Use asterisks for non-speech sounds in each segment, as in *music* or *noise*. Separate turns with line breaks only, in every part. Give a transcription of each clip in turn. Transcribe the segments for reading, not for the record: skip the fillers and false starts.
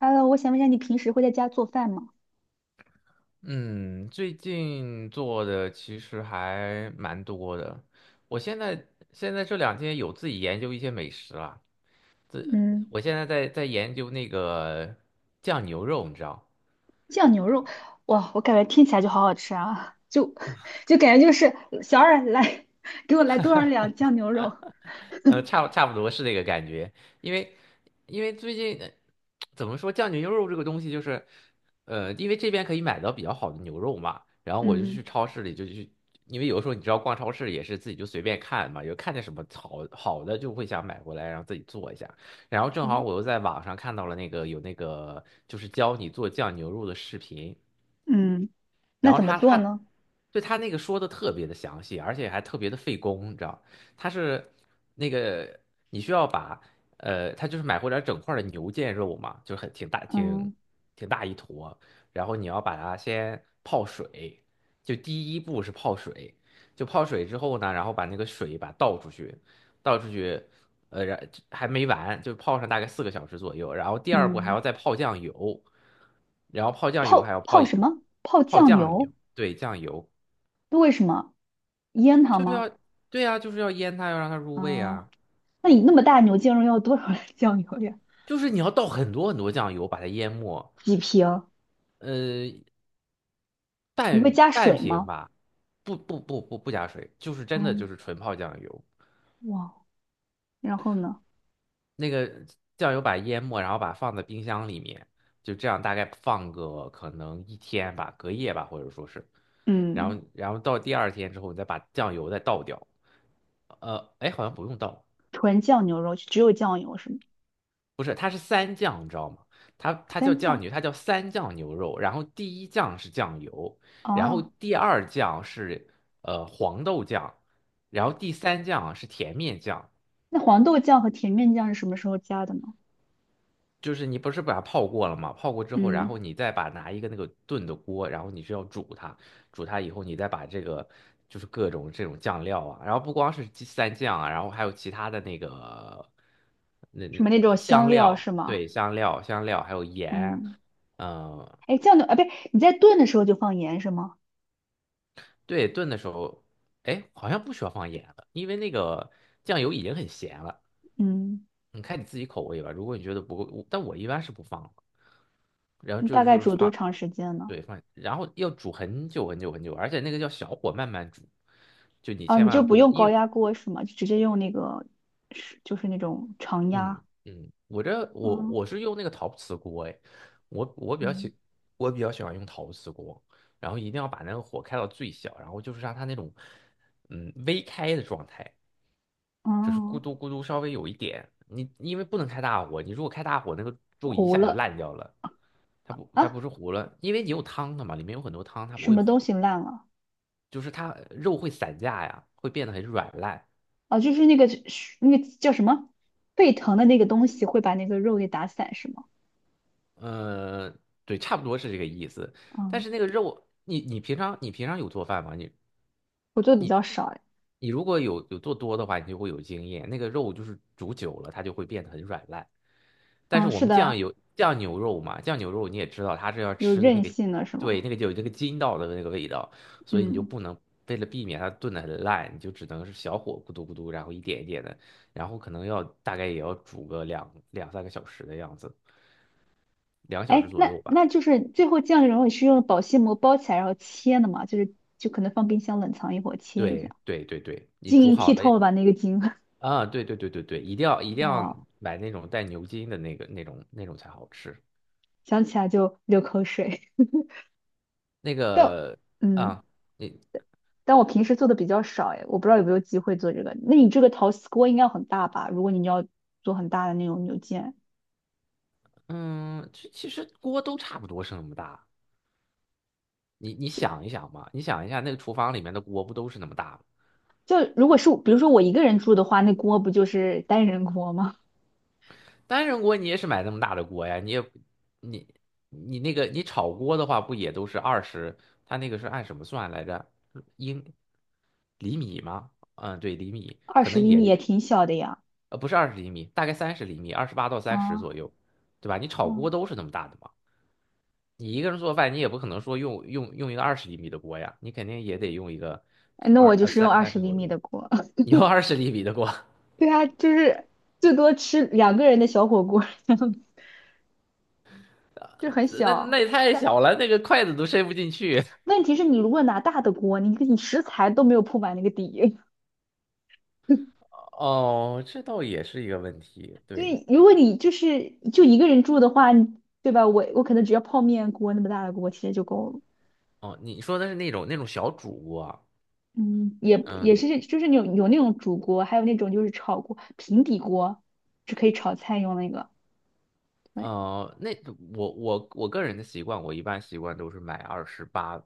Hello，我想问一下，你平时会在家做饭吗？
嗯，最近做的其实还蛮多的。我现在这两天有自己研究一些美食了。
嗯，
我现在在研究那个酱牛肉，你知道？
酱牛肉，哇，我感觉听起来就好好吃啊，就 *laughs* 就感觉就是小二来 *laughs* 给我来多少两酱牛肉。
差不多是那个感觉，因为最近怎么说酱牛肉这个东西就是，因为这边可以买到比较好的牛肉嘛，然后我就
嗯，
去超市里就去，因为有的时候你知道逛超市也是自己就随便看嘛，有看见什么好好的就会想买过来，然后自己做一下，然后正
是
好
的，
我又在网上看到了那个有那个就是教你做酱牛肉的视频。
嗯，那
然后
怎么
他
做
他
呢？
对，他那个说的特别的详细，而且还特别的费工，你知道。他是那个你需要把呃，他就是买回来整块儿的牛腱肉嘛，就很挺大挺
嗯
挺大一坨。然后你要把它先泡水，就第一步是泡水，就泡水之后呢，然后把那个水倒出去，倒出去然还没完，就泡上大概4个小时左右，然后第二步还
嗯，
要再泡酱油。然后泡酱油
泡
还要
泡什么？泡
泡
酱
酱油，
油？
对，酱油
那为什么？腌它
就是要，
吗？
对呀、就是要腌它，要让它入味
啊，
啊，
那你那么大牛腱肉要多少的 *laughs* 酱油呀？
就是你要倒很多很多酱油把它淹没。
几瓶？
呃，
你会
半
加
半
水
瓶
吗？
吧。不加水，就是真的就是
哦，
纯泡酱油。
哇，然后呢？
那个酱油把淹没，然后把它放在冰箱里面，就这样大概放个可能一天吧，隔夜吧，或者说是，然
嗯，
后然后到第二天之后，你再把酱油再倒掉。哎，好像不用倒。
纯酱牛肉，只有酱油是吗？
不是，它是三酱，你知道吗？它叫
三
酱
酱
牛，它叫三酱牛肉，然后第一酱是酱油，然后
哦，
第二酱是黄豆酱，然后第三酱是甜面酱。
那黄豆酱和甜面酱是什么时候加的呢？
就是你不是把它泡过了吗？泡过之后，然
嗯，
后你再把拿一个那个炖的锅，然后你是要煮它。煮它以后，你再把这个就是各种这种酱料啊，然后不光是鸡蛋酱啊，然后还有其他的那个那
什
那
么那种香
香
料
料，
是吗？
对，香料还有盐。
嗯，
嗯、
哎，酱的啊，不对，你在炖的时候就放盐是吗？
对，炖的时候，哎，好像不需要放盐了，因为那个酱油已经很咸了。
嗯，
你看你自己口味吧。如果你觉得不够，但我一般是不放的。然后
你
就
大
是
概
就是
煮多
放。
长时间呢？
对，放，然后要煮很久很久很久，而且那个叫小火慢慢煮，就你
啊，
千
你就
万不
不
能，
用
因
高
为，
压锅是吗？就直接用那个是就是那种常
嗯
压。
嗯，我这我
嗯
我是用那个陶瓷锅，哎，我我比较
嗯
喜我比较喜欢用陶瓷锅。然后一定要把那个火开到最小，然后就是让它那种，嗯，微开的状态，就是咕
哦，
嘟咕嘟稍微有一点，你因为不能开大火，你如果开大火，那个肉一
糊
下就
了
烂掉了。它不它不
啊，
是糊了，因为你有汤的嘛，里面有很多汤，它不
什
会
么
糊，
东西烂了？
就是它肉会散架呀，会变得很软烂。
啊，就是那个是那个叫什么沸腾的那个东西会把那个肉给打散是吗？
呃，对，差不多是这个意思。但
嗯，
是那个肉，你平常有做饭吗？
我做的比
你
较少哎。
你如果有做多的话，你就会有经验。那个肉就是煮久了，它就会变得很软烂。但是
嗯，
我
是
们酱
的，
有酱牛肉嘛，酱牛肉你也知道，它是要
有
吃的那
韧
个，
性的是
对，
吗？
那个就有那个筋道的那个味道。所以你就
嗯，
不能为了避免它炖的很烂，你就只能是小火咕嘟咕嘟，然后一点一点的，然后可能要大概也要煮个两三个小时的样子，2小时
哎，
左
那
右吧。
那就是最后酱这种是用保鲜膜包起来然后切的嘛，就是就可能放冰箱冷藏一会儿切一下，
对对对对，你
晶
煮
莹
好
剔
了，
透吧那个晶，
啊，对对对对对，一定要一
*laughs*
定要
哇，
买那种带牛筋的那个那种才好吃。
想起来就流口水。
那
*laughs* 但
个
嗯，
啊，你
但我平时做的比较少哎，我不知道有没有机会做这个。那你这个陶瓷锅应该很大吧？如果你要做很大的那种牛腱，
嗯，其实锅都差不多是那么大。你你
就
想一想嘛，你想一下那个厨房里面的锅不都是那么大吗？
就如果是比如说我一个人住的话，那锅不就是单人锅吗？
单人锅你也是买那么大的锅呀，你也你你那个你炒锅的话不也都是二十？它那个是按什么算来着？英厘米吗？嗯，对，厘米
二
可
十
能
厘
也
米
就
也挺小的呀。
不是二十厘米，大概30厘米，28到30
啊。
左右，对吧？你炒
嗯。
锅都是那么大的嘛。你一个人做饭，你也不可能说用一个二十厘米的锅呀，你肯定也得用一个
哎那
二
我就
呃
是用
三
二
三
十
十
厘
左右。
米的锅。*laughs*
你用二十厘米的锅。
对啊，就是最多吃两个人的小火锅，*laughs* 就很
那
小。
也太
但
小了，那个筷子都伸不进去。
问题是你如果拿大的锅，你食材都没有铺满那个底。*laughs*
哦，这倒也是一个问题。对，
对，如果你就是就一个人住的话，你对吧？我可能只要泡面锅那么大的锅，其实就够了。
哦，你说的是那种小主锅。
嗯，也
嗯，
也
那
是就是有那种煮锅，还有那种就是炒锅，平底锅是可以炒菜用那个。对，
呃，那我我我个人的习惯，我一般习惯都是买二十八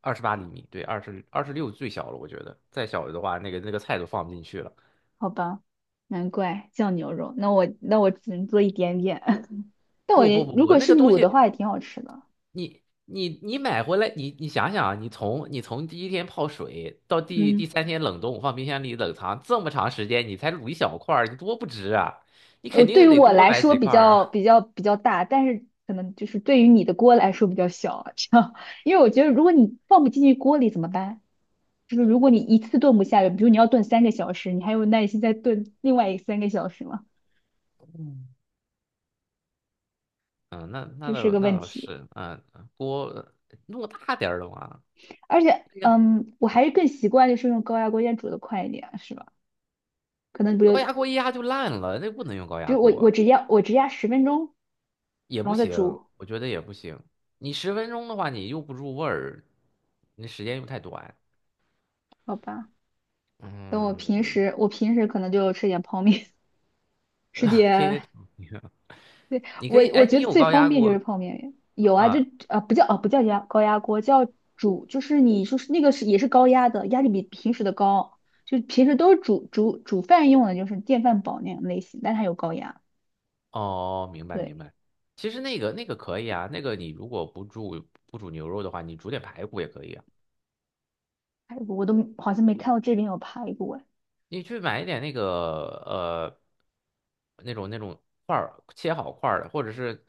二十八厘米，对，二十六最小了，我觉得再小的话，那个那个菜都放不进去了。
好吧，难怪酱牛肉。那我只能做一点点。*laughs* 但我
不不
也
不
如
不，
果
那
是
个东
卤的
西
话，也挺好吃的。
你买回来，你想想啊，你从第一天泡水到第第
嗯，
三天冷冻，放冰箱里冷藏这么长时间，你才卤一小块儿，你多不值啊！你肯
对于
定得
我
多
来
买
说
几
比
块儿
较
啊。
比较比较大，但是可能就是对于你的锅来说比较小啊，这样。*laughs* 因为我觉得如果你放不进去锅里怎么办？就是如果你一次炖不下来，比如你要炖三个小时，你还有耐心再炖另外三个小时吗？
嗯，那
这
那
是
倒
个
那
问
倒
题。
是。嗯，锅弄大点儿的嘛。
而且，
那个
我还是更习惯就是用高压锅先煮的快一点啊，是吧？可能比
高
如
压锅一压就烂了，那不能用高
比
压
如
锅，
我只压10分钟，
也
然
不
后再
行，
煮，
我觉得也不行。你10分钟的话，你又不入味儿，你时间又太短。
好吧？等我平
嗯，
时，我平时可能就吃点泡面，*laughs* 吃点，对，
你可
我
以，
我
哎，
觉
你
得
有
最
高
方
压
便就
锅
是泡面。有啊，就
啊？
啊不叫压高压锅，叫煮，就是你说是那个是也是高压的，压力比平时的高，就平时都是煮饭用的，就是电饭煲那种类型，但它有高压。
哦，明白明
对，
白。其实那个可以啊，那个你如果不煮牛肉的话，你煮点排骨也可以啊。
排骨我都好像没看到这边有排骨哎。
你去买一点那个呃那种块儿切好块儿的，或者是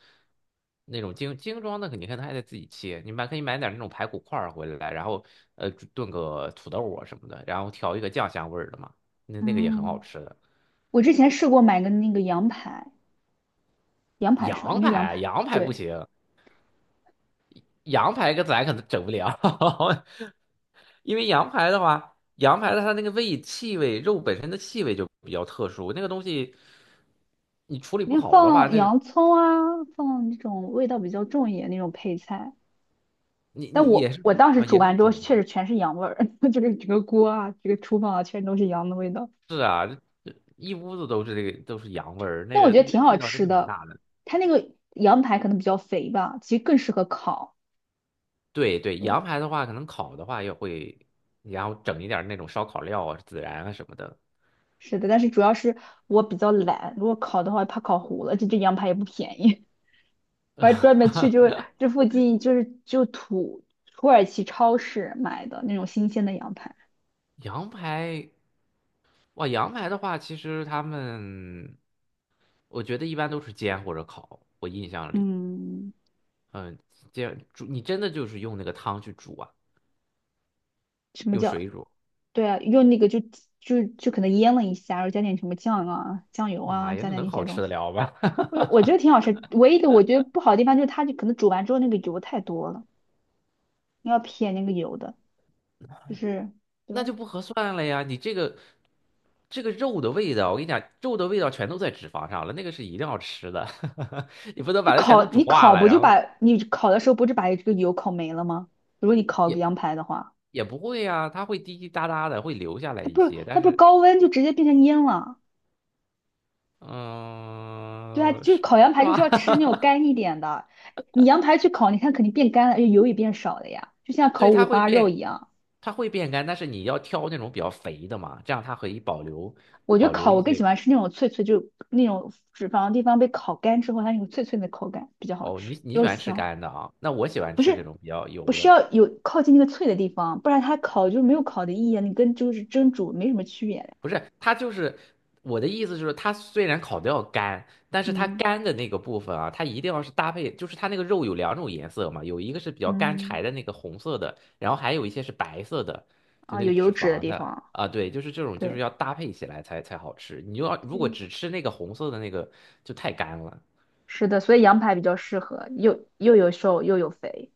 那种精装的，你可能还得自己切。你买可以买点那种排骨块儿回来，然后呃炖个土豆啊什么的，然后调一个酱香味儿的嘛，那那个也很好
嗯，
吃的。
我之前试过买个那个羊排，羊排是吧？应
羊
该
排
羊
啊，
排。
羊排不
对。
行，羊排跟咱可能整不了。*laughs* 因为羊排的话，羊排的它那个气味，肉本身的气味就比较特殊，那个东西你处理不
你
好的话，
放
那个
洋葱啊，放那种味道比较重一点那种配菜。
你
但
你也
我
是，
我当时
啊
煮
也是
完之后，
煮
确
吗？
实全是羊味儿，*laughs* 就是整个锅啊，这个厨房啊，全都是羊的味道。
是啊，这一屋子都是这个都是羊味儿，那
但我
个
觉得
那
挺
个
好
味道真
吃
的蛮
的，
大的。
它那个羊排可能比较肥吧，其实更适合烤。
对对，
对，
羊排的话，可能烤的话也会，然后整一点儿那种烧烤料啊、孜然啊什么的。
是的，但是主要是我比较懒，如果烤的话怕烤糊了，这羊排也不便宜。*laughs* 我还专门去就是这附近就是就耳其超市买的那种新鲜的羊排。
羊排，哇，羊排的话，其实他们我觉得一般都是煎或者烤，我印象里，
嗯，
嗯，煎煮你真的就是用那个汤去煮啊。
什么
用
叫？
水煮，
对啊，用那个就可能腌了一下，然后加点什么酱啊、酱油
妈
啊，
呀，
加
那
点
能
那
好
些东
吃的
西。
了吗？*laughs*
我觉得挺好吃，唯一的我觉得不好的地方就是它就可能煮完之后那个油太多了，你要撇那个油的，就是对。
那就不合算了呀！你这个，这个肉的味道，我跟你讲，肉的味道全都在脂肪上了，那个是一定要吃的。*laughs* 你不能
那
把它全
烤
都煮
你
化
烤
了。
不就
然
把
后
你烤的时候不是把这个油烤没了吗？如果你烤个
也
羊排的话，
也不会呀，它会滴滴答答的会留下来
它
一
不是
些，
它
但
不是
是
高温就直接变成烟了。对啊，
嗯、
就是
是，
烤羊
是
排就是
吗？
要吃
*laughs*
那种干一点的，你羊排去烤，你看肯定变干了，而且油也变少了呀，就像烤
对，
五
它会
花肉
变，
一样。
它会变干，但是你要挑那种比较肥的嘛，这样它可以保留
我觉得
保留
烤
一
我更喜
些。
欢吃那种脆脆，就那种脂肪的地方被烤干之后，它那种脆脆的口感比较好
哦，
吃，
你你喜
又
欢吃
香。
干的啊？那我喜欢
不
吃这
是，
种比较
不
油
是
的。
要有靠近那个脆的地方，不然它烤就没有烤的意义啊你跟就是蒸煮没什么区别嘞。
不是，它就是我的意思，就是它虽然烤的要干，但是它
嗯
干的那个部分啊，它一定要是搭配，就是它那个肉有两种颜色嘛，有一个是比较干
嗯，
柴的那个红色的，然后还有一些是白色的，就
啊，
那
有
个
油
脂
脂的
肪
地
的
方，
啊，对，就是这种就是
对
要搭配起来才好吃。你就要如果
对，
只吃那个红色的那个就太干了。
是的，所以羊排比较适合，又有瘦又有肥，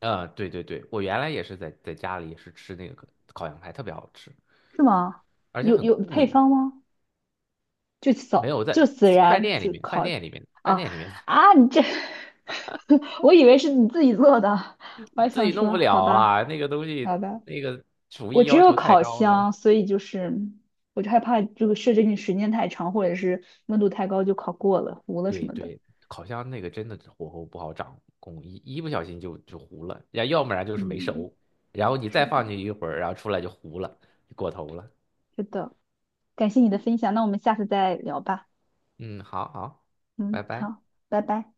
对对对，我原来也是在家里也是吃那个烤羊排，特别好吃，
是吗？
而且
有
很
有配
贵。
方吗？就
没
扫
有，
就
在
死
饭
然
店里
就
面，饭
烤
店里面，饭
啊
店里面。
啊！你这，*laughs* 我以为是你自己做的，我还
自
想
己弄
说
不
好
了
吧
啦，那个东西
好吧，
那个厨
我
艺
只
要
有
求太
烤
高了。
箱，所以就是我就害怕这个设置你时间太长或者是温度太高就烤过了糊了什
对
么的。
对，烤箱那个真的火候不好掌控，一不小心就糊了，要不然就是没
嗯，
熟。然后你再
是的，
放进去一会儿，然后出来就糊了，就过头了。
是的，感谢你的分享，那我们下次再聊吧。
嗯，好好，拜
嗯，
拜。
好，拜拜。